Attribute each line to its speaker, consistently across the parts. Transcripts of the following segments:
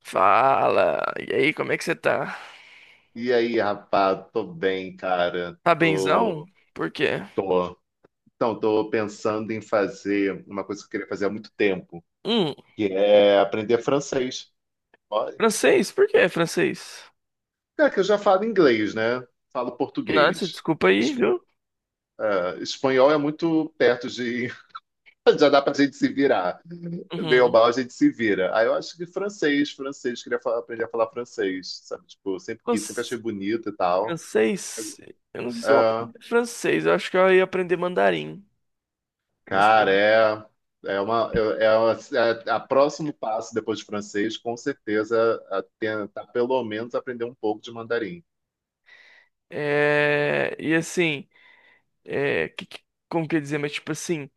Speaker 1: Fala! E aí, como é que você tá?
Speaker 2: E aí, rapaz, tô bem, cara.
Speaker 1: Tá benzão?
Speaker 2: Tô,
Speaker 1: Por quê?
Speaker 2: tô. Então, tô pensando em fazer uma coisa que eu queria fazer há muito tempo,
Speaker 1: Hum,
Speaker 2: que é aprender francês. Olha,
Speaker 1: francês? Por que é francês?
Speaker 2: cara, que eu já falo inglês, né? Falo
Speaker 1: Nossa,
Speaker 2: português.
Speaker 1: desculpa aí,
Speaker 2: Es-
Speaker 1: viu?
Speaker 2: ah, Espanhol é muito perto de. Já dá pra gente se virar. Bem ou
Speaker 1: Uhum.
Speaker 2: mal, a gente se vira. Aí eu acho que francês, francês, aprender a falar francês, sabe? Tipo, sempre
Speaker 1: Fran-
Speaker 2: quis, sempre achei bonito e tal.
Speaker 1: Francês? Eu não sei se eu
Speaker 2: Ah,
Speaker 1: aprendi francês, eu acho que eu ia aprender mandarim. Como
Speaker 2: cara,
Speaker 1: assim?
Speaker 2: é, é uma, é, é uma- é a próximo passo depois de francês, com certeza, a tentar pelo menos aprender um pouco de mandarim.
Speaker 1: E assim, é... que- que- como que eu ia dizer? Mas tipo assim,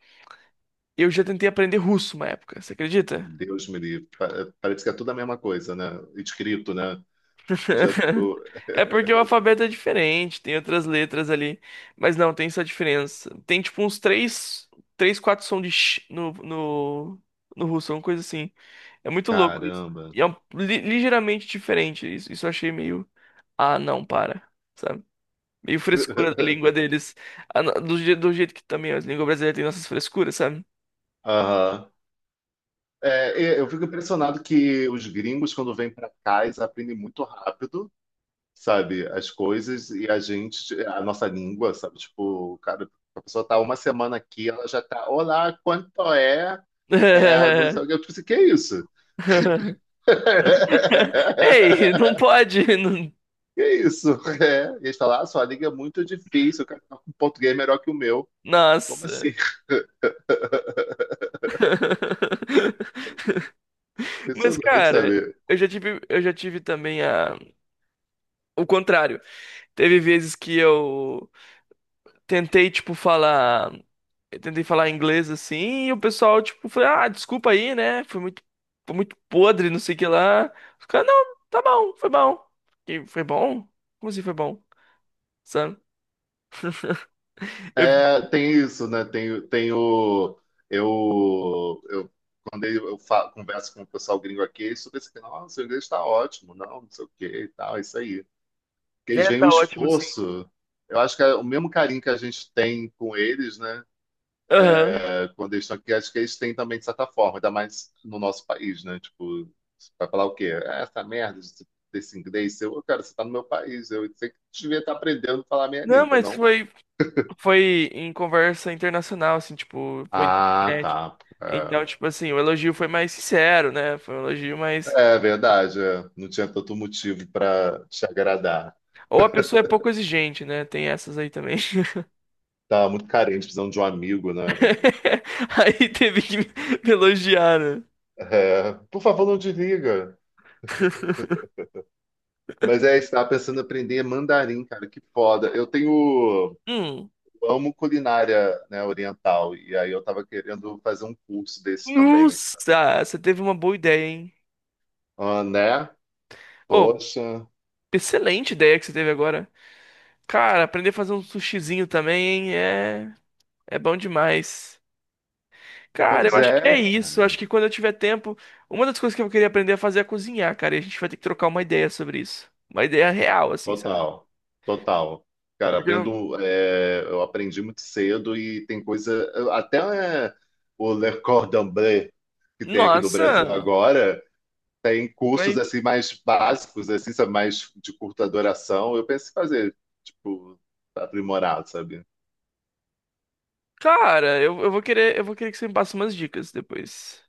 Speaker 1: eu já tentei aprender russo uma época, você acredita?
Speaker 2: Deus me livre. Parece que é tudo a mesma coisa, né? Escrito, né? Eu já, eu-
Speaker 1: É porque o alfabeto é diferente, tem outras letras ali, mas não, tem essa diferença. Tem tipo uns três, três, quatro sons de sh no russo, uma coisa assim. É muito louco isso.
Speaker 2: Caramba.
Speaker 1: E é ligeiramente diferente isso. Isso eu achei meio. Ah, não, para. Sabe? Meio frescura da língua deles. Ah, não, do jeito que também a língua brasileira tem nossas frescuras, sabe?
Speaker 2: Aham. É, eu fico impressionado que os gringos, quando vêm para cá, eles aprendem muito rápido, sabe, as coisas e a gente, a nossa língua, sabe, tipo, cara, a pessoa tá uma semana aqui, ela já tá, olá, quanto é? É, não sei o que. Eu tipo assim, que é isso?
Speaker 1: Ei, não pode.
Speaker 2: Que isso? É. E eles falaram, ah, sua língua é muito difícil, o cara tá com português é melhor que o meu. Como
Speaker 1: Nossa.
Speaker 2: assim?
Speaker 1: Mas,
Speaker 2: Impressionante,
Speaker 1: cara,
Speaker 2: sabe?
Speaker 1: eu já tive também o contrário. Teve vezes que tentei, tipo, falar, eu tentei falar inglês assim, e o pessoal, tipo, foi, ah, desculpa aí, né? Foi muito podre, não sei o que lá. Os caras, não, tá bom, foi bom. E foi bom? Como assim foi bom? Sabe? Eu,
Speaker 2: É, tem isso, né? Tem o. Eu, eu, quando eu converso com o pessoal gringo aqui, eles ficam assim, nossa, seu inglês está ótimo, não, não sei o que e tal, é isso aí. Porque eles
Speaker 1: é,
Speaker 2: veem
Speaker 1: tá
Speaker 2: o
Speaker 1: ótimo, sim.
Speaker 2: esforço. Eu acho que é o mesmo carinho que a gente tem com eles, né?
Speaker 1: Aham.
Speaker 2: É, clandestino, que acho que eles têm também, de certa forma, ainda mais no nosso país, né? Tipo, vai falar o quê? Ah, essa merda desse inglês, eu, cara, você tá no meu país, eu sei que devia estar aprendendo a falar a minha
Speaker 1: Não,
Speaker 2: língua,
Speaker 1: mas
Speaker 2: não?
Speaker 1: foi. Foi em conversa internacional, assim, tipo, foi na
Speaker 2: Ah,
Speaker 1: internet.
Speaker 2: tá.
Speaker 1: Então,
Speaker 2: É,
Speaker 1: tipo assim, o elogio foi mais sincero, né? Foi um elogio mais.
Speaker 2: é verdade, é. Não tinha tanto motivo para te agradar.
Speaker 1: Ou a pessoa é pouco exigente, né? Tem essas aí também.
Speaker 2: Tava muito carente, precisando de um amigo, né?
Speaker 1: Aí teve que me elogiar, né?
Speaker 2: É, por favor, não desliga. Mas é, estava pensando em aprender mandarim, cara, que foda. Eu tenho.
Speaker 1: Hum.
Speaker 2: Amo culinária, né, oriental. E aí eu tava querendo fazer um curso desse também, sabe?
Speaker 1: Nossa, você teve uma boa ideia, hein?
Speaker 2: Ah, né?
Speaker 1: Oh,
Speaker 2: Poxa.
Speaker 1: excelente ideia que você teve agora. Cara, aprender a fazer um sushizinho também, hein? É, é bom demais. Cara, eu
Speaker 2: Pois
Speaker 1: acho que é
Speaker 2: é,
Speaker 1: isso. Eu acho
Speaker 2: cara.
Speaker 1: que quando eu tiver tempo, uma das coisas que eu queria aprender a fazer é cozinhar, cara. E a gente vai ter que trocar uma ideia sobre isso. Uma ideia real, assim, sabe?
Speaker 2: Total. Total. Cara,
Speaker 1: Porque, eu-
Speaker 2: aprendo, é, eu aprendi muito cedo e tem coisa. Até é, o Le Cordon Bleu, que tem aqui do Brasil
Speaker 1: nossa,
Speaker 2: agora, tem cursos
Speaker 1: mas,
Speaker 2: assim mais básicos, assim, sabe, mais de curta duração. Eu penso em fazer, tipo, aprimorado, sabe?
Speaker 1: cara, eu vou querer que você me passe umas dicas depois.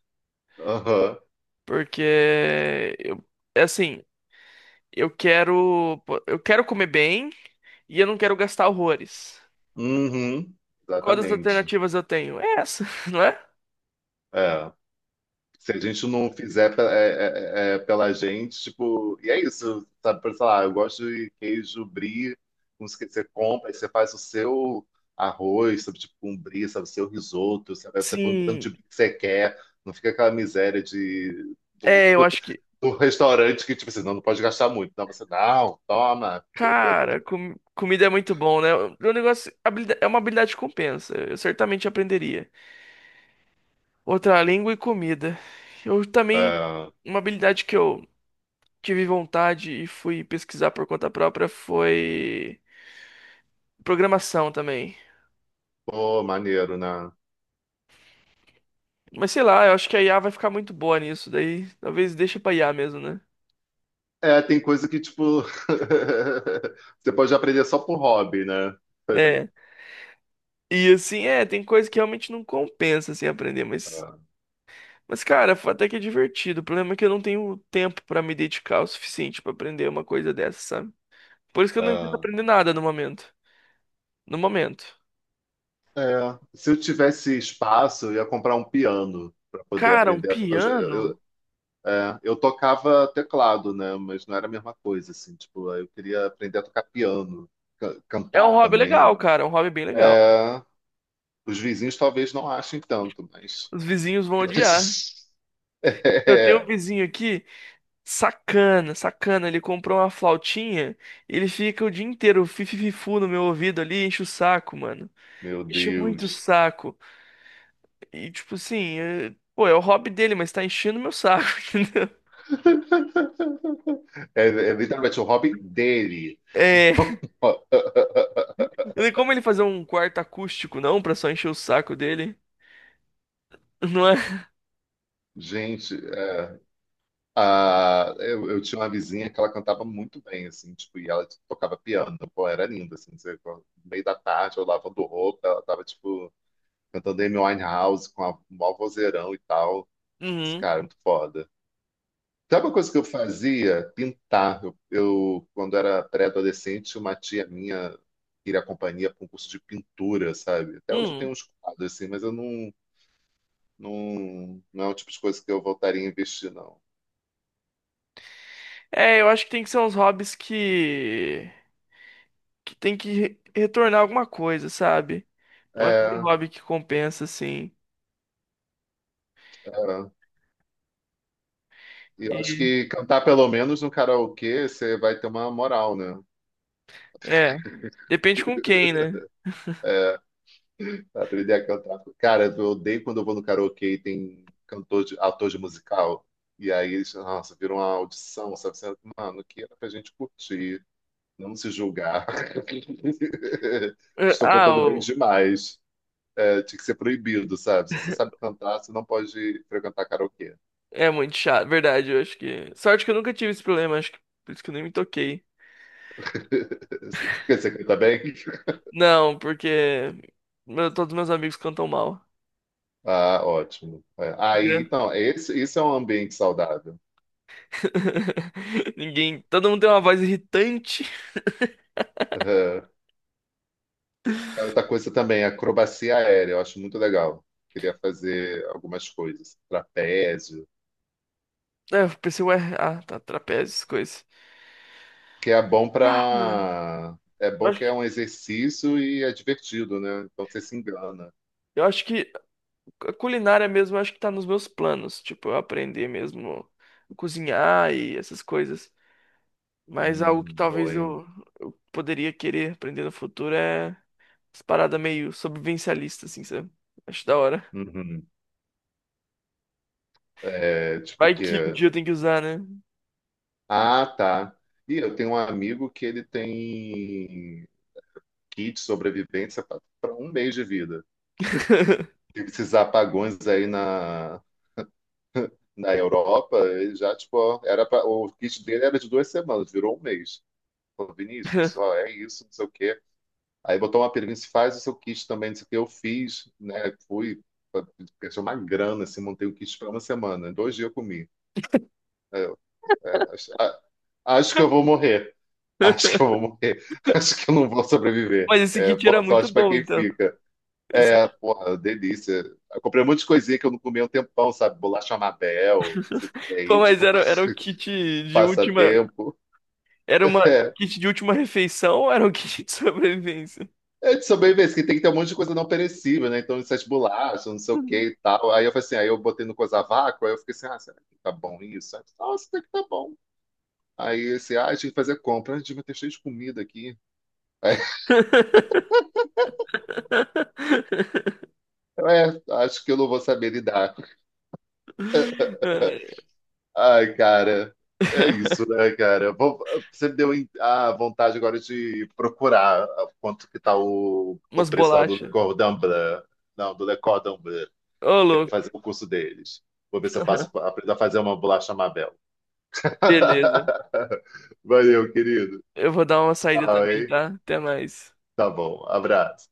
Speaker 2: Aham.
Speaker 1: Porque eu, é assim, eu quero, eu quero comer bem e eu não quero gastar horrores.
Speaker 2: Uhum,
Speaker 1: Quais das
Speaker 2: exatamente.
Speaker 1: alternativas eu tenho? É essa, não é?
Speaker 2: É. Se a gente não fizer pela gente, tipo, e é isso, sabe? Por, sei lá, eu gosto de queijo brie, com os que você compra, aí você faz o seu arroz, sabe? Tipo, um brie, sabe? O seu risoto, sabe? Aí você põe o tanto de
Speaker 1: Sim,
Speaker 2: brie que você quer, não fica aquela miséria de, do,
Speaker 1: é, eu acho que
Speaker 2: do restaurante que, tipo assim, não, não pode gastar muito. Não, você, não, toma.
Speaker 1: cara, comida é muito bom, né? O negócio é uma habilidade que compensa. Eu certamente aprenderia. Outra língua e comida. Eu também,
Speaker 2: É,
Speaker 1: uma habilidade que eu tive vontade e fui pesquisar por conta própria foi programação também.
Speaker 2: pô, maneiro, né?
Speaker 1: Mas sei lá, eu acho que a IA vai ficar muito boa nisso, daí talvez deixe pra IA mesmo, né?
Speaker 2: É, tem coisa que, tipo, você pode aprender só por hobby, né? Sabe?
Speaker 1: É. E assim, é, tem coisa que realmente não compensa assim aprender, mas, cara, foi até que é divertido. O problema é que eu não tenho tempo pra me dedicar o suficiente pra aprender uma coisa dessa, sabe? Por isso que eu
Speaker 2: É.
Speaker 1: não tento
Speaker 2: É.
Speaker 1: aprender nada no momento. No momento.
Speaker 2: É, se eu tivesse espaço, eu ia comprar um piano para poder
Speaker 1: Cara, um
Speaker 2: aprender. A to- Eu, já-
Speaker 1: piano
Speaker 2: eu- é, Eu tocava teclado, né? Mas não era a mesma coisa, assim. Tipo, eu queria aprender a tocar piano,
Speaker 1: é um
Speaker 2: cantar
Speaker 1: hobby
Speaker 2: também.
Speaker 1: legal, cara. É um hobby bem legal.
Speaker 2: É. Os vizinhos talvez não achem tanto, mas.
Speaker 1: Os vizinhos vão odiar. Eu tenho um
Speaker 2: É,
Speaker 1: vizinho aqui, sacana, sacana. Ele comprou uma flautinha, ele fica o dia inteiro fifififu no meu ouvido ali, enche o saco, mano.
Speaker 2: meu
Speaker 1: Enche muito o
Speaker 2: Deus.
Speaker 1: saco. E, tipo assim, pô, é o hobby dele, mas tá enchendo meu saco, entendeu?
Speaker 2: É, é literalmente o hobby dele.
Speaker 1: É. E como ele fazer um quarto acústico, não? Pra só encher o saco dele? Não é?
Speaker 2: Gente, é, eu tinha uma vizinha que ela cantava muito bem, assim, tipo, e ela tocava piano, pô, era linda, assim, no meio da tarde, eu lavando roupa, ela tava, tipo, cantando Amy Winehouse com a, um maior vozeirão e tal, esse
Speaker 1: Uhum,
Speaker 2: cara, é muito foda. Sabe uma coisa que eu fazia? Pintar. Quando era pré-adolescente, uma tia minha queria companhia para um curso de pintura, sabe? Até hoje eu tenho
Speaker 1: uhum.
Speaker 2: uns quadros, assim, mas eu não, não, não é o tipo de coisa que eu voltaria a investir, não.
Speaker 1: É, eu acho que tem que ser uns hobbies que... Que tem que retornar alguma coisa, sabe? Não é qualquer
Speaker 2: É...
Speaker 1: hobby que compensa, assim.
Speaker 2: é. E eu acho
Speaker 1: E...
Speaker 2: que cantar pelo menos no karaokê, você vai ter uma moral, né?
Speaker 1: É, depende com quem, né?
Speaker 2: Pra aprender a cantar. Cara, eu odeio quando eu vou no karaokê e tem cantor de, ator de musical. E aí eles, nossa, viram uma audição, sabe? Você, mano, que era pra gente curtir, não se julgar.
Speaker 1: É,
Speaker 2: Estou
Speaker 1: ah,
Speaker 2: cantando bem demais. É, tinha que ser proibido, sabe? Se você sabe cantar, você não pode frequentar karaokê.
Speaker 1: é muito chato, verdade, eu acho que... Sorte que eu nunca tive esse problema, acho que... Por isso que eu nem me toquei.
Speaker 2: Porque você canta bem?
Speaker 1: Não, porque... todos meus amigos cantam mal.
Speaker 2: Ah, ótimo. É.
Speaker 1: Que
Speaker 2: Aí,
Speaker 1: gra-
Speaker 2: então, esse, isso é um ambiente saudável.
Speaker 1: Ninguém... Todo mundo tem uma voz irritante.
Speaker 2: Aham. Cara, outra coisa também, acrobacia aérea, eu acho muito legal. Queria fazer algumas coisas, trapézio,
Speaker 1: É, eu pensei, ué, ah, tá, trapézios, coisas.
Speaker 2: que é bom
Speaker 1: Ah,
Speaker 2: para, é
Speaker 1: Eu
Speaker 2: bom
Speaker 1: acho,
Speaker 2: que é
Speaker 1: que-
Speaker 2: um exercício e é divertido, né? Então você se engana.
Speaker 1: eu acho que a culinária mesmo, eu acho que tá nos meus planos. Tipo, eu aprender mesmo a cozinhar e essas coisas. Mas algo que
Speaker 2: Bom,
Speaker 1: talvez
Speaker 2: hein?
Speaker 1: eu poderia querer aprender no futuro é as paradas meio sobrevivencialista, assim, sabe? Acho da hora.
Speaker 2: Uhum. É, tipo
Speaker 1: Vai
Speaker 2: que,
Speaker 1: que um dia eu tenho que usar, né?
Speaker 2: ah, tá. E eu tenho um amigo que ele tem kit de sobrevivência para um mês de vida. Tem esses apagões aí na Europa, ele já, tipo, ó, era pra, o kit dele era de 2 semanas, virou um mês. Falou, Vinícius, ó, é isso, não sei o quê. Aí botou uma pergunta, se faz o seu kit também, não sei o quê. Eu fiz, né? Fui, pensei uma grana, assim, montei o kit para uma semana. Em 2 dias eu comi. Aí eu, é, acho, a- acho que eu vou morrer. Acho que eu vou morrer. Acho que eu não vou
Speaker 1: Mas
Speaker 2: sobreviver.
Speaker 1: esse
Speaker 2: É,
Speaker 1: kit era
Speaker 2: boa
Speaker 1: muito
Speaker 2: sorte para
Speaker 1: bom,
Speaker 2: quem
Speaker 1: então.
Speaker 2: fica.
Speaker 1: Esse...
Speaker 2: É, porra, delícia. Eu comprei um monte de coisinha que eu não comia há um tempão, sabe? Bolacha Mabel,
Speaker 1: Pô,
Speaker 2: é, tipo,
Speaker 1: era o kit de última.
Speaker 2: passatempo.
Speaker 1: Era uma um
Speaker 2: É,
Speaker 1: kit de última refeição ou era um kit de sobrevivência?
Speaker 2: é de sobrevivência, que tem que ter um monte de coisa não perecível, né? Então, essas bolachas, não sei o que e tal. Aí eu falei assim, aí eu botei no coisa vácuo, aí eu fiquei assim, ah, será que tá bom isso? Aí, eu falei, nossa, até que tá bom. Aí assim, ah, tinha que fazer compra, ah, devia ter cheio de comida aqui. Aí, eu, acho que eu não vou saber lidar.
Speaker 1: Ai.
Speaker 2: Ai, cara, é isso, né, cara? Você me deu a vontade agora de procurar quanto que tá o,
Speaker 1: Umas
Speaker 2: preço lá do
Speaker 1: bolachas.
Speaker 2: Cordon Bleu. Não, do Le Cordon Bleu.
Speaker 1: Ô,
Speaker 2: Quero
Speaker 1: louco.
Speaker 2: fazer o curso deles. Vou ver se eu faço, aprendo a fazer uma bolacha Mabel.
Speaker 1: Beleza.
Speaker 2: Valeu, querido.
Speaker 1: Eu vou dar uma saída
Speaker 2: Tchau,
Speaker 1: também,
Speaker 2: hein?
Speaker 1: tá? Até mais.
Speaker 2: Tá bom. Abraço.